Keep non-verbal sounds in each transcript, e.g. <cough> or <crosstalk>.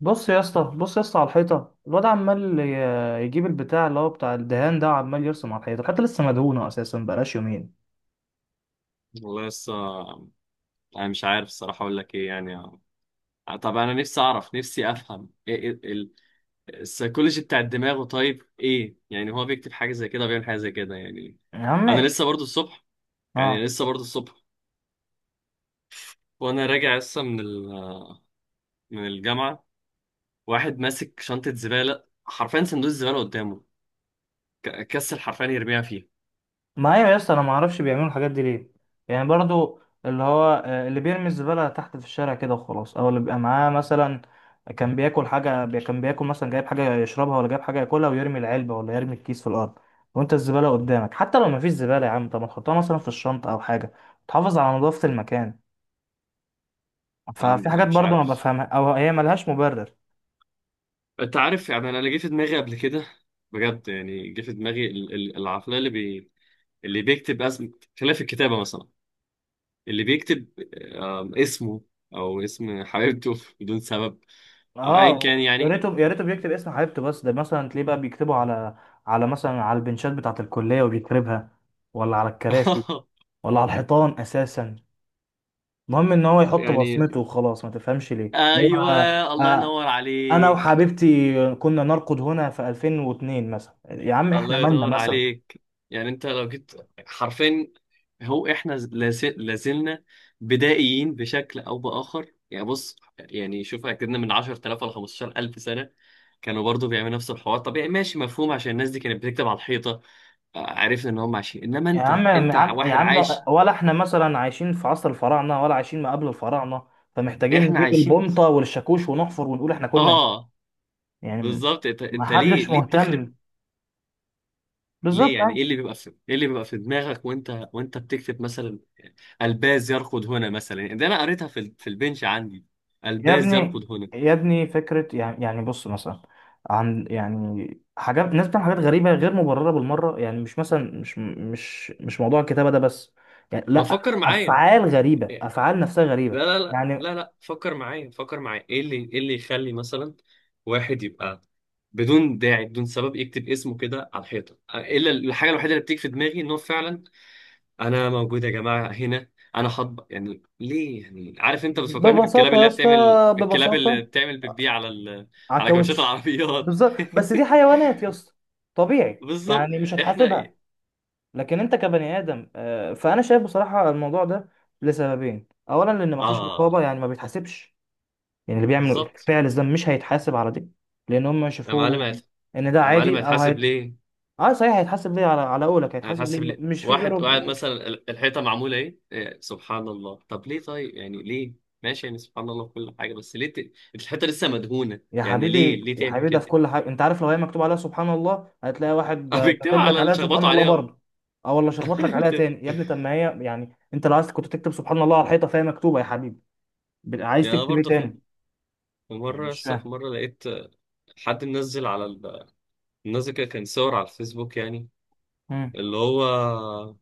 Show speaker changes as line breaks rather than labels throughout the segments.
بص يا اسطى بص يا اسطى على الحيطه. الواد عمال يجيب البتاع اللي هو بتاع الدهان ده، وعمال يرسم على الحيطه لسه مدهونه اساسا، بقالهاش يومين.
والله لسه. انا مش عارف الصراحه اقول لك ايه يعني. طب انا نفسي اعرف، نفسي افهم السيكولوجي بتاع الدماغ. طيب ايه يعني؟ هو بيكتب حاجه زي كده، بيعمل حاجه زي كده يعني.
يا
انا
عم،
لسه برضو الصبح،
اه،
يعني لسه برضو الصبح، وانا راجع لسه من من الجامعه. واحد ماسك شنطه زباله، حرفيا صندوق الزباله قدامه، كسل حرفيا يرميها فيه.
ما هي يا اسطى انا ما اعرفش بيعملوا الحاجات دي ليه، يعني برضو. اللي هو اللي بيرمي الزباله تحت في الشارع كده وخلاص، او اللي بيبقى معاه مثلا كان بياكل حاجه، كان بياكل مثلا، جايب حاجه يشربها ولا جايب حاجه ياكلها ويرمي العلبه ولا يرمي الكيس في الارض، وانت الزباله قدامك. حتى لو ما فيش زباله يا عم، طب ما تحطها مثلا في الشنطه او حاجه، تحافظ على نظافه المكان.
انا
ففي
أنا
حاجات
مش
برضو ما
عارف.
بفهمها، او هي ملهاش مبرر.
انت عارف؟ يعني انا جه في دماغي قبل كده، بجد يعني جه في دماغي العقليه اللي، اللي بيكتب اسم، خلاف الكتابة مثلا، اللي بيكتب اسمه او اسم حبيبته <laughs> بدون سبب، او ايا كان
اه يا
يعني.
ريته يا ريته بيكتب اسم حبيبته، بس ده مثلا تلاقيه بقى بيكتبه على مثلا على البنشات بتاعة الكلية وبيكربها، ولا على الكراسي،
<laughs>
ولا على الحيطان اساسا. المهم ان هو يحط
يعني
بصمته وخلاص، ما تفهمش ليه هو.
ايوه، الله
آه،
ينور
انا
عليك.
وحبيبتي كنا نرقد هنا في 2002 مثلا يا عم؟ احنا
الله
مالنا
ينور
مثلا؟
عليك. يعني انت لو جيت حرفين، هو احنا لازلنا بدائيين بشكل او باخر. يعني بص يعني شوف، اكدنا من 10,000 ل 15,000 سنة كانوا برضو بيعملوا نفس الحوار. طبيعي ماشي مفهوم عشان الناس دي كانت بتكتب على الحيطة. عرفنا ان هم عايشين، انما
يا
انت
عم يا
انت
عم يا
واحد
عم،
عايش.
ولا احنا مثلا عايشين في عصر الفراعنه ولا عايشين ما قبل الفراعنه، فمحتاجين
احنا
نجيب
عايشين.
البمطه والشاكوش ونحفر ونقول احنا كنا هنا.
اه
يعني
بالظبط. انت
ما
انت ليه،
حدش
ليه بتخرب؟
مهتم،
ليه
بالظبط
يعني؟
يعني.
ايه اللي بيبقى في، ايه اللي بيبقى في دماغك وانت بتكتب مثلا الباز يركض هنا؟ مثلا يعني ده انا قريتها في في البنش عندي،
يا
الباز
ابني
يركض هنا.
يا ابني، فكره يعني بص مثلا، عن يعني حاجات. الناس بتعمل حاجات غريبه غير مبرره بالمره. يعني مش مثلا، مش موضوع الكتابه ده بس يعني،
ما
لا،
تفكر معايا.
افعال غريبه، افعال نفسها غريبه
لا لا لا
يعني.
لا لا، فكر معايا، فكر معايا، ايه اللي يخلي مثلا واحد يبقى بدون داعي، بدون سبب، يكتب اسمه كده على الحيطه؟ الا الحاجه الوحيده اللي بتيجي في دماغي ان هو فعلا انا موجود يا جماعه هنا، انا هطبق. يعني ليه؟ يعني عارف، انت بتفكرني بالكلاب
ببساطه يا
اللي هي
اسطى،
بتعمل، الكلاب اللي
ببساطه،
بتعمل بتبيع على
على
على كاوتشات
الكاوتش.
العربيات.
بالظبط، بس دي حيوانات يا اسطى،
<laughs>
طبيعي
بالظبط.
يعني، مش
احنا
هتحاسبها.
ايه؟
لكن انت كبني ادم، فانا شايف بصراحه الموضوع ده لسببين. اولا، لان مفيش رقابه،
اه
يعني ما بيتحاسبش. يعني اللي بيعمل
بالظبط.
فعل الذنب مش هيتحاسب على دي، لان هم
يا معلم
شافوه
هت-
ان ده
يا معلم
عادي، او
هيتحاسب ليه؟
اه، صحيح، هيتحاسب ليه، على قولك، هيتحاسب
هتحس
ليه،
بليه؟
مش في
واحد
غيره.
قاعد مثلا الحيطه معموله ايه، سبحان الله، طب ليه؟ طيب يعني ليه؟ ماشي يعني سبحان الله في كل حاجه، بس ليه الحيطه لسه مدهونه
يا
يعني، ليه،
حبيبي
ليه
يا
تعمل
حبيبي، ده في
كده؟
كل حاجه. انت عارف لو هي مكتوب عليها سبحان الله، هتلاقي
<laughs>
واحد
بيكتبوا
كاتب لك
على اللي
عليها سبحان
شخبطوا
الله
عليها بقى.
برضه، او والله شخبط لك
<laughs>
عليها تاني يا
بت-
ابني. طب ما هي يعني انت لو عايز كنت تكتب سبحان الله على الحيطه، فهي مكتوبه يا حبيبي، عايز
يعني انا
تكتب ايه
برضه، في،
تاني؟
في
يعني
مره
مش
لسه في
فاهم.
مره لقيت حد منزل على منزل كده كان صور على الفيسبوك يعني،
مم.
اللي هو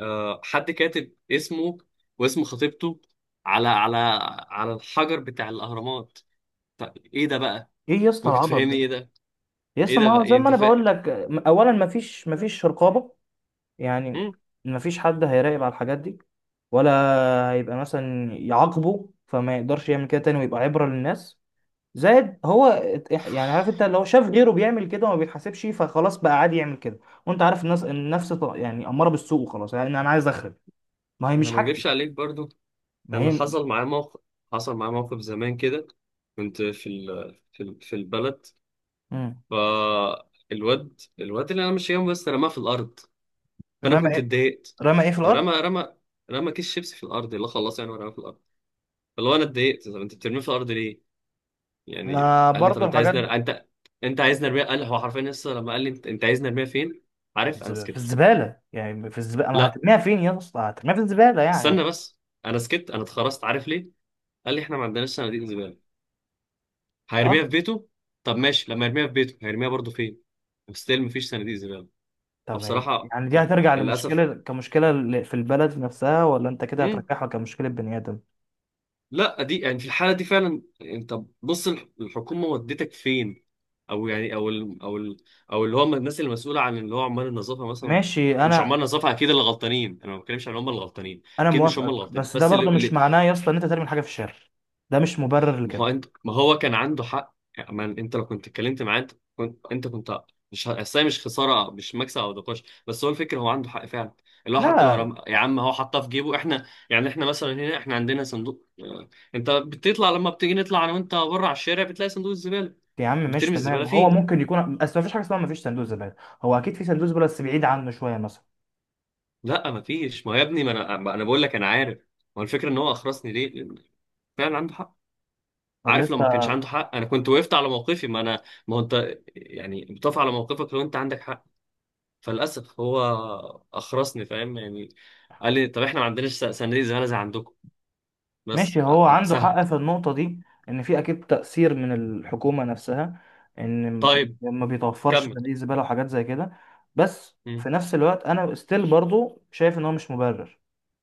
حد كاتب اسمه واسم خطيبته على على الحجر بتاع الاهرامات. طب ايه ده بقى؟
ايه يا اسطى
ممكن
العبط
تفهمني
ده؟
ايه ده؟
يا
ايه
اسطى،
ده
ما
بقى؟
هو
يعني
زي ما
انت
انا
فاهم.
بقول لك، اولا، ما فيش رقابه. يعني
مم.
ما فيش حد هيراقب على الحاجات دي، ولا هيبقى مثلا يعاقبه، فما يقدرش يعمل كده تاني ويبقى عبره للناس. زائد هو يعني، عارف، انت لو شاف غيره بيعمل كده وما بيتحاسبش، فخلاص بقى عادي يعمل كده. وانت عارف الناس، النفس يعني اماره بالسوء، وخلاص يعني انا عايز اخرب، ما هي
انا
مش
ما
حاجتي.
اكدبش عليك برضو.
ما
انا
هي.
حصل معايا موقف زمان كده. كنت في في البلد،
مم.
فالواد، الواد اللي انا ماشي جنبه بس رماه في الارض. فانا
رمى
كنت
ايه؟
اتضايقت.
رمى ايه في الارض؟
رمى رمى كيس شيبسي في الارض، اللي خلاص يعني، ورماه في الارض. فاللي هو انا اتضايقت، طب انت بترميه في الارض ليه؟ يعني
ما
قال لي طب
برضو
انت
الحاجات
عايز
دي.
انت، انت عايز نرميه. قال هو حرفيا لسه لما قال لي انت، انت عايز نرميه فين. عارف، انا
في
سكت.
الزباله، يعني في الزباله، انا
لا،
هترميها فين يا اسطى؟ هترميها في الزباله يعني،
استنى بس. انا سكت، انا اتخرجت. عارف ليه؟ قال لي احنا ما عندناش صناديق زباله، هيرميها
طب.
في بيته. طب ماشي، لما يرميها في بيته هيرميها برضه فين؟ ستيل مفيش صناديق زباله.
طب يعني
فبصراحه
يعني دي هترجع
للاسف.
لمشكله كمشكله، في البلد نفسها، ولا انت كده
مم.
هترجعها كمشكله بني ادم؟
لا دي يعني في الحاله دي فعلا انت بص، الحكومه ودتك فين، او يعني، او اللي هم الناس المسؤوله عن اللي هو عمال النظافه مثلا.
ماشي،
يعني مش عمال
انا
النظافه اكيد اللي غلطانين، انا ما بتكلمش عن هم اللي غلطانين،
انا
اكيد مش هم اللي
موافقك،
غلطانين،
بس ده
بس
برضه مش
اللي،
معناه يا اسطى ان انت ترمي الحاجه في الشارع. ده مش مبرر لكده.
ما هو كان عنده حق يعني. ما انت لو كنت اتكلمت معاه، انت كنت، انت كنت مش ه- اصل هي مش خساره مش مكسب او نقاش، بس هو الفكره، هو عنده حق فعلا. اللي هو حتى لو
لا
يا عم هو حطها في جيبه. احنا يعني، احنا مثلا هنا احنا عندنا صندوق، انت بتطلع لما بتيجي نطلع انا وانت بره على الشارع بتلاقي صندوق الزباله،
يا عم ماشي،
بترمي الزباله
تمام، هو
فيه.
ممكن يكون، بس ما فيش حاجه اسمها ما فيش صندوق زباله. هو اكيد في صندوق زباله، بس بعيد عنه شويه مثلا.
لا ما فيش. ما هو يا ابني، ما انا بقول لك، انا عارف. ما هو الفكره ان هو اخرسني ليه، لأن فعلا عنده حق.
طب يا
عارف، لو ما كانش
اسطى،
عنده حق انا كنت وقفت على موقفي. ما انا ما هو انت يعني بتقف على موقفك لو انت عندك حق. فللاسف هو اخرسني، فاهم يعني. قال لي طب احنا ما عندناش صناديق زباله زي عندكم. بس.
ماشي، هو عنده
سهل.
حق في النقطه دي، ان في اكيد تاثير من الحكومه نفسها، ان
طيب
ما بيتوفرش
كمل.
صناديق زباله وحاجات زي كده. بس في
مم.
نفس الوقت انا ستيل برضه شايف ان هو مش مبرر،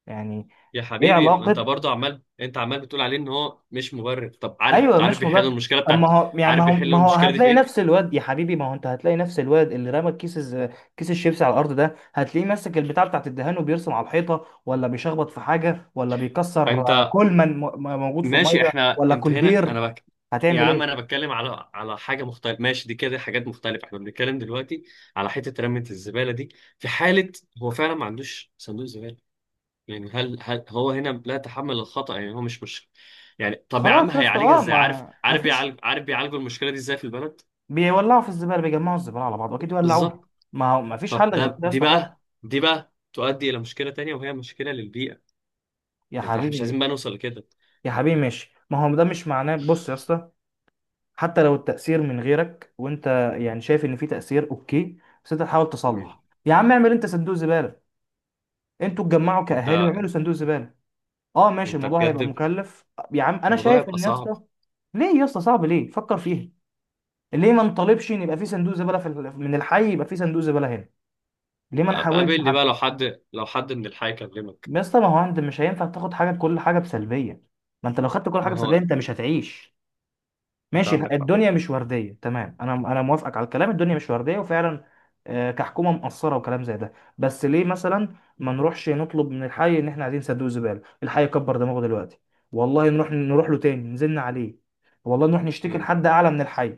يعني.
يا
ايه
حبيبي انت
علاقه؟
برضو عمال، انت عمال بتقول عليه ان هو مش مبرر. طب عارف
ايوه،
عارف
مش
بيحل
مبالغه.
المشكله
اما
بتاعت،
هو يعني، ما
عارف
هو
بيحل
ما هو
المشكله دي في
هتلاقي نفس
ايه؟
الواد يا حبيبي. ما هو انت هتلاقي نفس الواد اللي رمى كيس الشيبسي على الارض ده، هتلاقيه ماسك البتاع بتاعت الدهان وبيرسم على الحيطه، ولا بيشخبط في حاجه، ولا بيكسر
انت
كل من موجود في
ماشي،
الميه،
احنا
ولا
انت هنا
كولدير.
انا بك. يا
هتعمل
عم انا
ايه؟
بتكلم على حاجه مختلفه، ماشي دي كده حاجات مختلفه. احنا بنتكلم دلوقتي على حته رميه الزباله دي في حاله هو فعلا ما عندوش صندوق زباله. يعني هل هو هنا لا يتحمل الخطأ؟ يعني هو مش يعني. طب يا عم
خلاص يا اسطى،
هيعالجها
اه،
ازاي؟
ما ما فيش
عارف بيعالجوا المشكلة دي ازاي في البلد.
بيولعوا في الزباله، بيجمعوا الزباله على بعض واكيد يولعوها.
بالظبط.
ما هو ما فيش
طب
حل غير
ده
كده يا
دي
اسطى فعلا.
بقى دي بقى تؤدي إلى مشكلة تانية، وهي مشكلة للبيئة.
يا
يعني احنا مش
حبيبي
عايزين بقى نوصل لكده.
يا حبيبي، ماشي، ما هو ده مش معناه. بص يا اسطى، حتى لو التأثير من غيرك وانت، يعني، شايف ان في تأثير، اوكي، بس انت تحاول
مم.
تصلح. يا عم اعمل انت صندوق زبالة، انتوا اتجمعوا
انت
كأهالي واعملوا صندوق زبالة. اه ماشي،
انت
الموضوع هيبقى
بجد
مكلف، يا عم انا
الموضوع
شايف
يبقى
ان، يا
صعب.
اسطى، ليه يا اسطى صعب؟ ليه؟ فكر فيها، ليه ما نطالبش ان يبقى في صندوق زبالة في من الحي؟ يبقى في صندوق زبالة هنا، ليه ما
أبقى
نحاولش
قابلني بقى
حتى؟
لو حد لو حد من الحي كلمك.
يا اسطى، ما هو انت مش هينفع تاخد حاجة، كل حاجة بسلبية. ما انت لو خدت كل حاجة
ما
بسلبية،
هو
انت مش هتعيش.
انت
ماشي،
عندك حق.
الدنيا مش ورديه، تمام، انا موافقك على الكلام، الدنيا مش ورديه وفعلا، كحكومه مقصره وكلام زي ده، بس ليه مثلا ما نروحش نطلب من الحي ان احنا عايزين صندوق زباله؟ الحي كبر دماغه دلوقتي، والله نروح، نروح له تاني، نزلنا عليه، والله نروح نشتكي
مم.
لحد اعلى من الحي.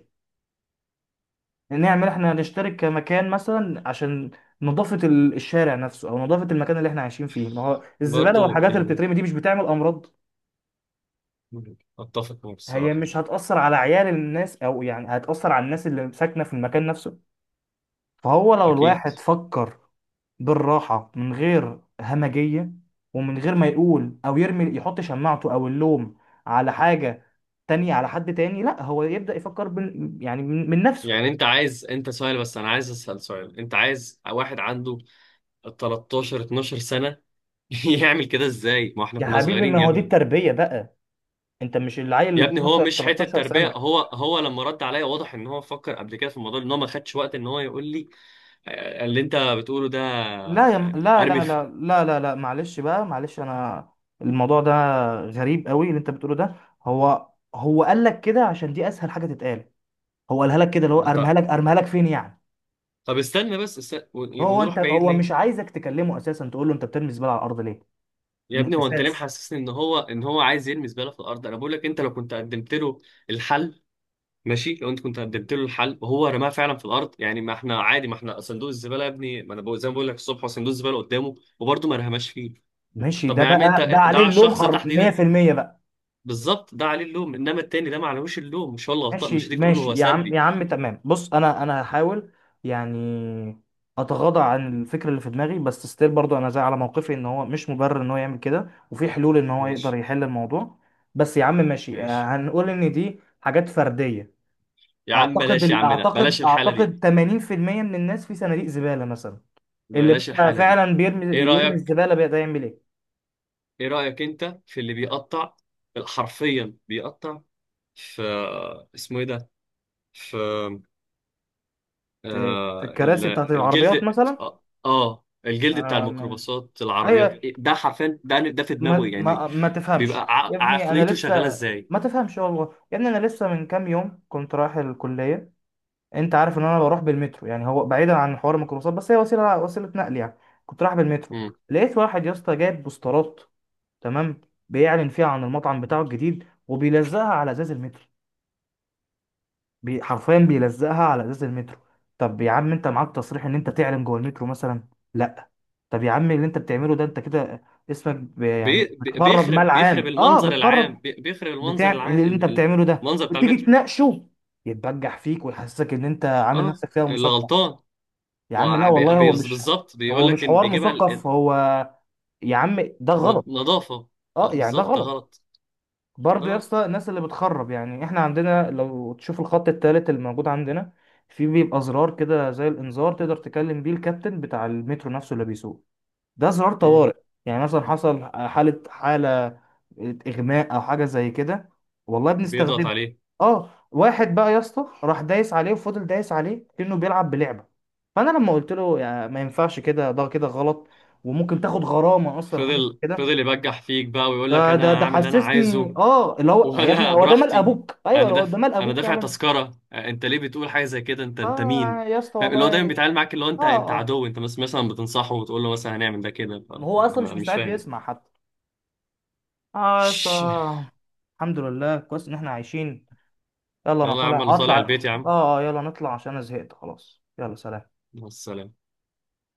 نعمل، احنا نشترك كمكان مثلا عشان نظافه الشارع نفسه، او نظافه المكان اللي احنا عايشين فيه. ما هو الزباله
برضو
والحاجات اللي
يعني.
بتترمي دي مش بتعمل امراض؟
مم. اتفق معك
هي
الصراحة.
مش هتأثر على عيال الناس، او يعني هتأثر على الناس اللي ساكنه في المكان نفسه. فهو لو
اكيد.
الواحد فكر بالراحة من غير همجية، ومن غير ما يقول، أو يرمي، يحط شماعته أو اللوم على حاجة تانية، على حد تاني، لا، هو يبدأ يفكر، يعني من نفسه.
يعني انت عايز، انت سؤال، بس انا عايز اسال سؤال، انت عايز واحد عنده 13 12 سنه <laughs> يعمل كده ازاي؟ ما احنا
يا
كنا
حبيبي،
صغيرين
ما
يا
هو دي
ابني.
التربية بقى. انت مش
يا
العيل
ابني هو
12
مش حته
13
تربيه.
سنة؟
هو لما رد عليا واضح ان هو فكر قبل كده في الموضوع، ان هو ما خدش وقت ان هو يقول لي اللي انت بتقوله ده
لا لا
ارمي
لا
في.
لا لا لا لا، معلش بقى، معلش، انا الموضوع ده غريب قوي، اللي انت بتقوله ده. هو هو قال لك كده عشان دي اسهل حاجة تتقال. هو قالها لك كده، اللي هو ارميها
طب
لك ارميها لك فين يعني؟
طب استنى بس، ونروح بعيد
هو
ليه؟
مش عايزك تكلمه اساسا، تقول له انت بترمي الزباله على الارض ليه،
يا
من
ابني هو انت ليه
الاساس.
محسسني ان هو، ان هو عايز يرمي زباله في الارض؟ انا بقول لك انت لو كنت قدمت له الحل، ماشي لو انت كنت قدمت له الحل وهو رماها فعلا في الارض يعني ما احنا عادي. ما احنا صندوق الزباله يا ابني، ما انا بقول- زي ما بقول لك الصبح، هو صندوق الزباله قدامه وبرضه ما رماش فيه.
ماشي،
طب
ده
يا عم،
بقى، ده
انت ده
عليه
على
اللوم،
الشخص ده تحديدا.
100% بقى.
بالظبط ده عليه اللوم، انما التاني ده ما عليهوش اللوم، مش هو اللي غلطان، مش
ماشي
هتيجي تقول له
ماشي،
هو
يا عم يا
سلبي.
عم، تمام، بص، انا هحاول يعني اتغاضى عن الفكره اللي في دماغي، بس ستيل برضو انا زي على موقفي ان هو مش مبرر ان هو يعمل كده، وفي حلول ان هو يقدر
ماشي،
يحل الموضوع. بس يا عم ماشي،
ماشي
هنقول ان دي حاجات فرديه.
يا عم.
اعتقد
بلاش يا
ال-
عم، ده
اعتقد
بلاش الحاله دي.
اعتقد 80% من الناس في صناديق زباله مثلا. اللي
بلاش
بقى
الحاله دي.
فعلا بيرمي
ايه
بيرمي
رايك؟
الزباله بقى، ده يعمل ايه؟
ايه رايك انت في اللي بيقطع، حرفيا بيقطع، في، اسمه ايه ده، في،
في، في
آه
الكراسي بتاعت
ال-
العربيات
الجلد،
مثلا.
اه الجلد بتاع
آه، ما-
الميكروباصات، العربيات،
ايوه،
ده حرفيا، ده في دماغه
ما
يعني،
ما ما
بيبقى
تفهمش يا ابني، انا
عقليته شغاله
لسه،
ازاي؟
ما تفهمش. والله يا ابني انا لسه من كام يوم كنت رايح الكليه. انت عارف ان انا بروح بالمترو، يعني هو بعيدا عن حوار الميكروباصات، بس هي وسيله نقل يعني. كنت رايح بالمترو،
مم.
لقيت واحد يا اسطى جايب بوسترات، تمام؟ بيعلن فيها عن المطعم بتاعه الجديد، وبيلزقها على ازاز المترو. حرفيا بيلزقها على ازاز المترو. طب يا عم، انت معاك تصريح ان انت تعلن جوه المترو مثلا؟ لا. طب يا عم، اللي انت بتعمله ده انت كده، اسمك، يعني بتخرب مال
بيخرب
عام، اه،
المنظر العام،
بتخرب
بيخرب
بتاع.
المنظر العام،
اللي انت بتعمله ده
المنظر بتاع
وتيجي
المترو.
تناقشه، يتبجح فيك ويحسسك ان انت عامل
اه،
نفسك فيها
اللي
مثقف.
غلطان.
يا عم لا والله، هو مش
بالظبط
هو
بيقول
مش
لك ان
حوار
بيجيبها
مثقف. هو، يا عم، ده غلط.
نظافه.
اه،
اه
يعني ده
بالظبط، ده
غلط،
غلط. ده
برضه. يا
غلط.
اسطى، الناس اللي بتخرب يعني، احنا عندنا، لو تشوف الخط التالت الموجود عندنا، في بيبقى زرار كده زي الانذار، تقدر تكلم بيه الكابتن بتاع المترو نفسه اللي بيسوق. ده زرار
مم.
طوارئ، يعني مثلا حصل حالة اغماء او حاجة زي كده، والله
بيضغط
بنستخدمه.
عليه.
اه، واحد بقى يا اسطى راح دايس عليه وفضل دايس عليه كأنه بيلعب بلعبة. فانا لما قلت له يعني ما ينفعش كده، ده كده غلط، وممكن تاخد غرامة اصلا حاجة زي
فضل
كده،
فضل يبجح فيك بقى، ويقول لك
ده ده
انا
ده
هعمل اللي انا عايزه.
حسسني، اه، اللي هو يا ابني،
وانا <laughs>
هو ده مال
براحتي.
ابوك؟ ايوه،
انا
هو ده
دافع
مال
انا
ابوك
دافع
فعلا.
تذكره. انت ليه بتقول حاجه زي كده؟ انت
اه
مين؟
يا اسطى
فاهم اللي هو دايما
والله.
بيتعامل معاك اللي هو انت، انت
اه، اه.
عدو، انت بس مثلا بتنصحه وتقول له مثلا هنعمل ده كده،
هو
انا
اصلا مش
أنا مش
مستعد
فاهم.
يسمع
<laughs>
حتى. اه يا اسطى،
ش-
الحمد لله كويس ان احنا عايشين. يلا، انا
يلا يا عم انا
طالع
طالع
هطلع
البيت يا عم،
يلا نطلع عشان انا زهقت خلاص، يلا سلام.
والسلام.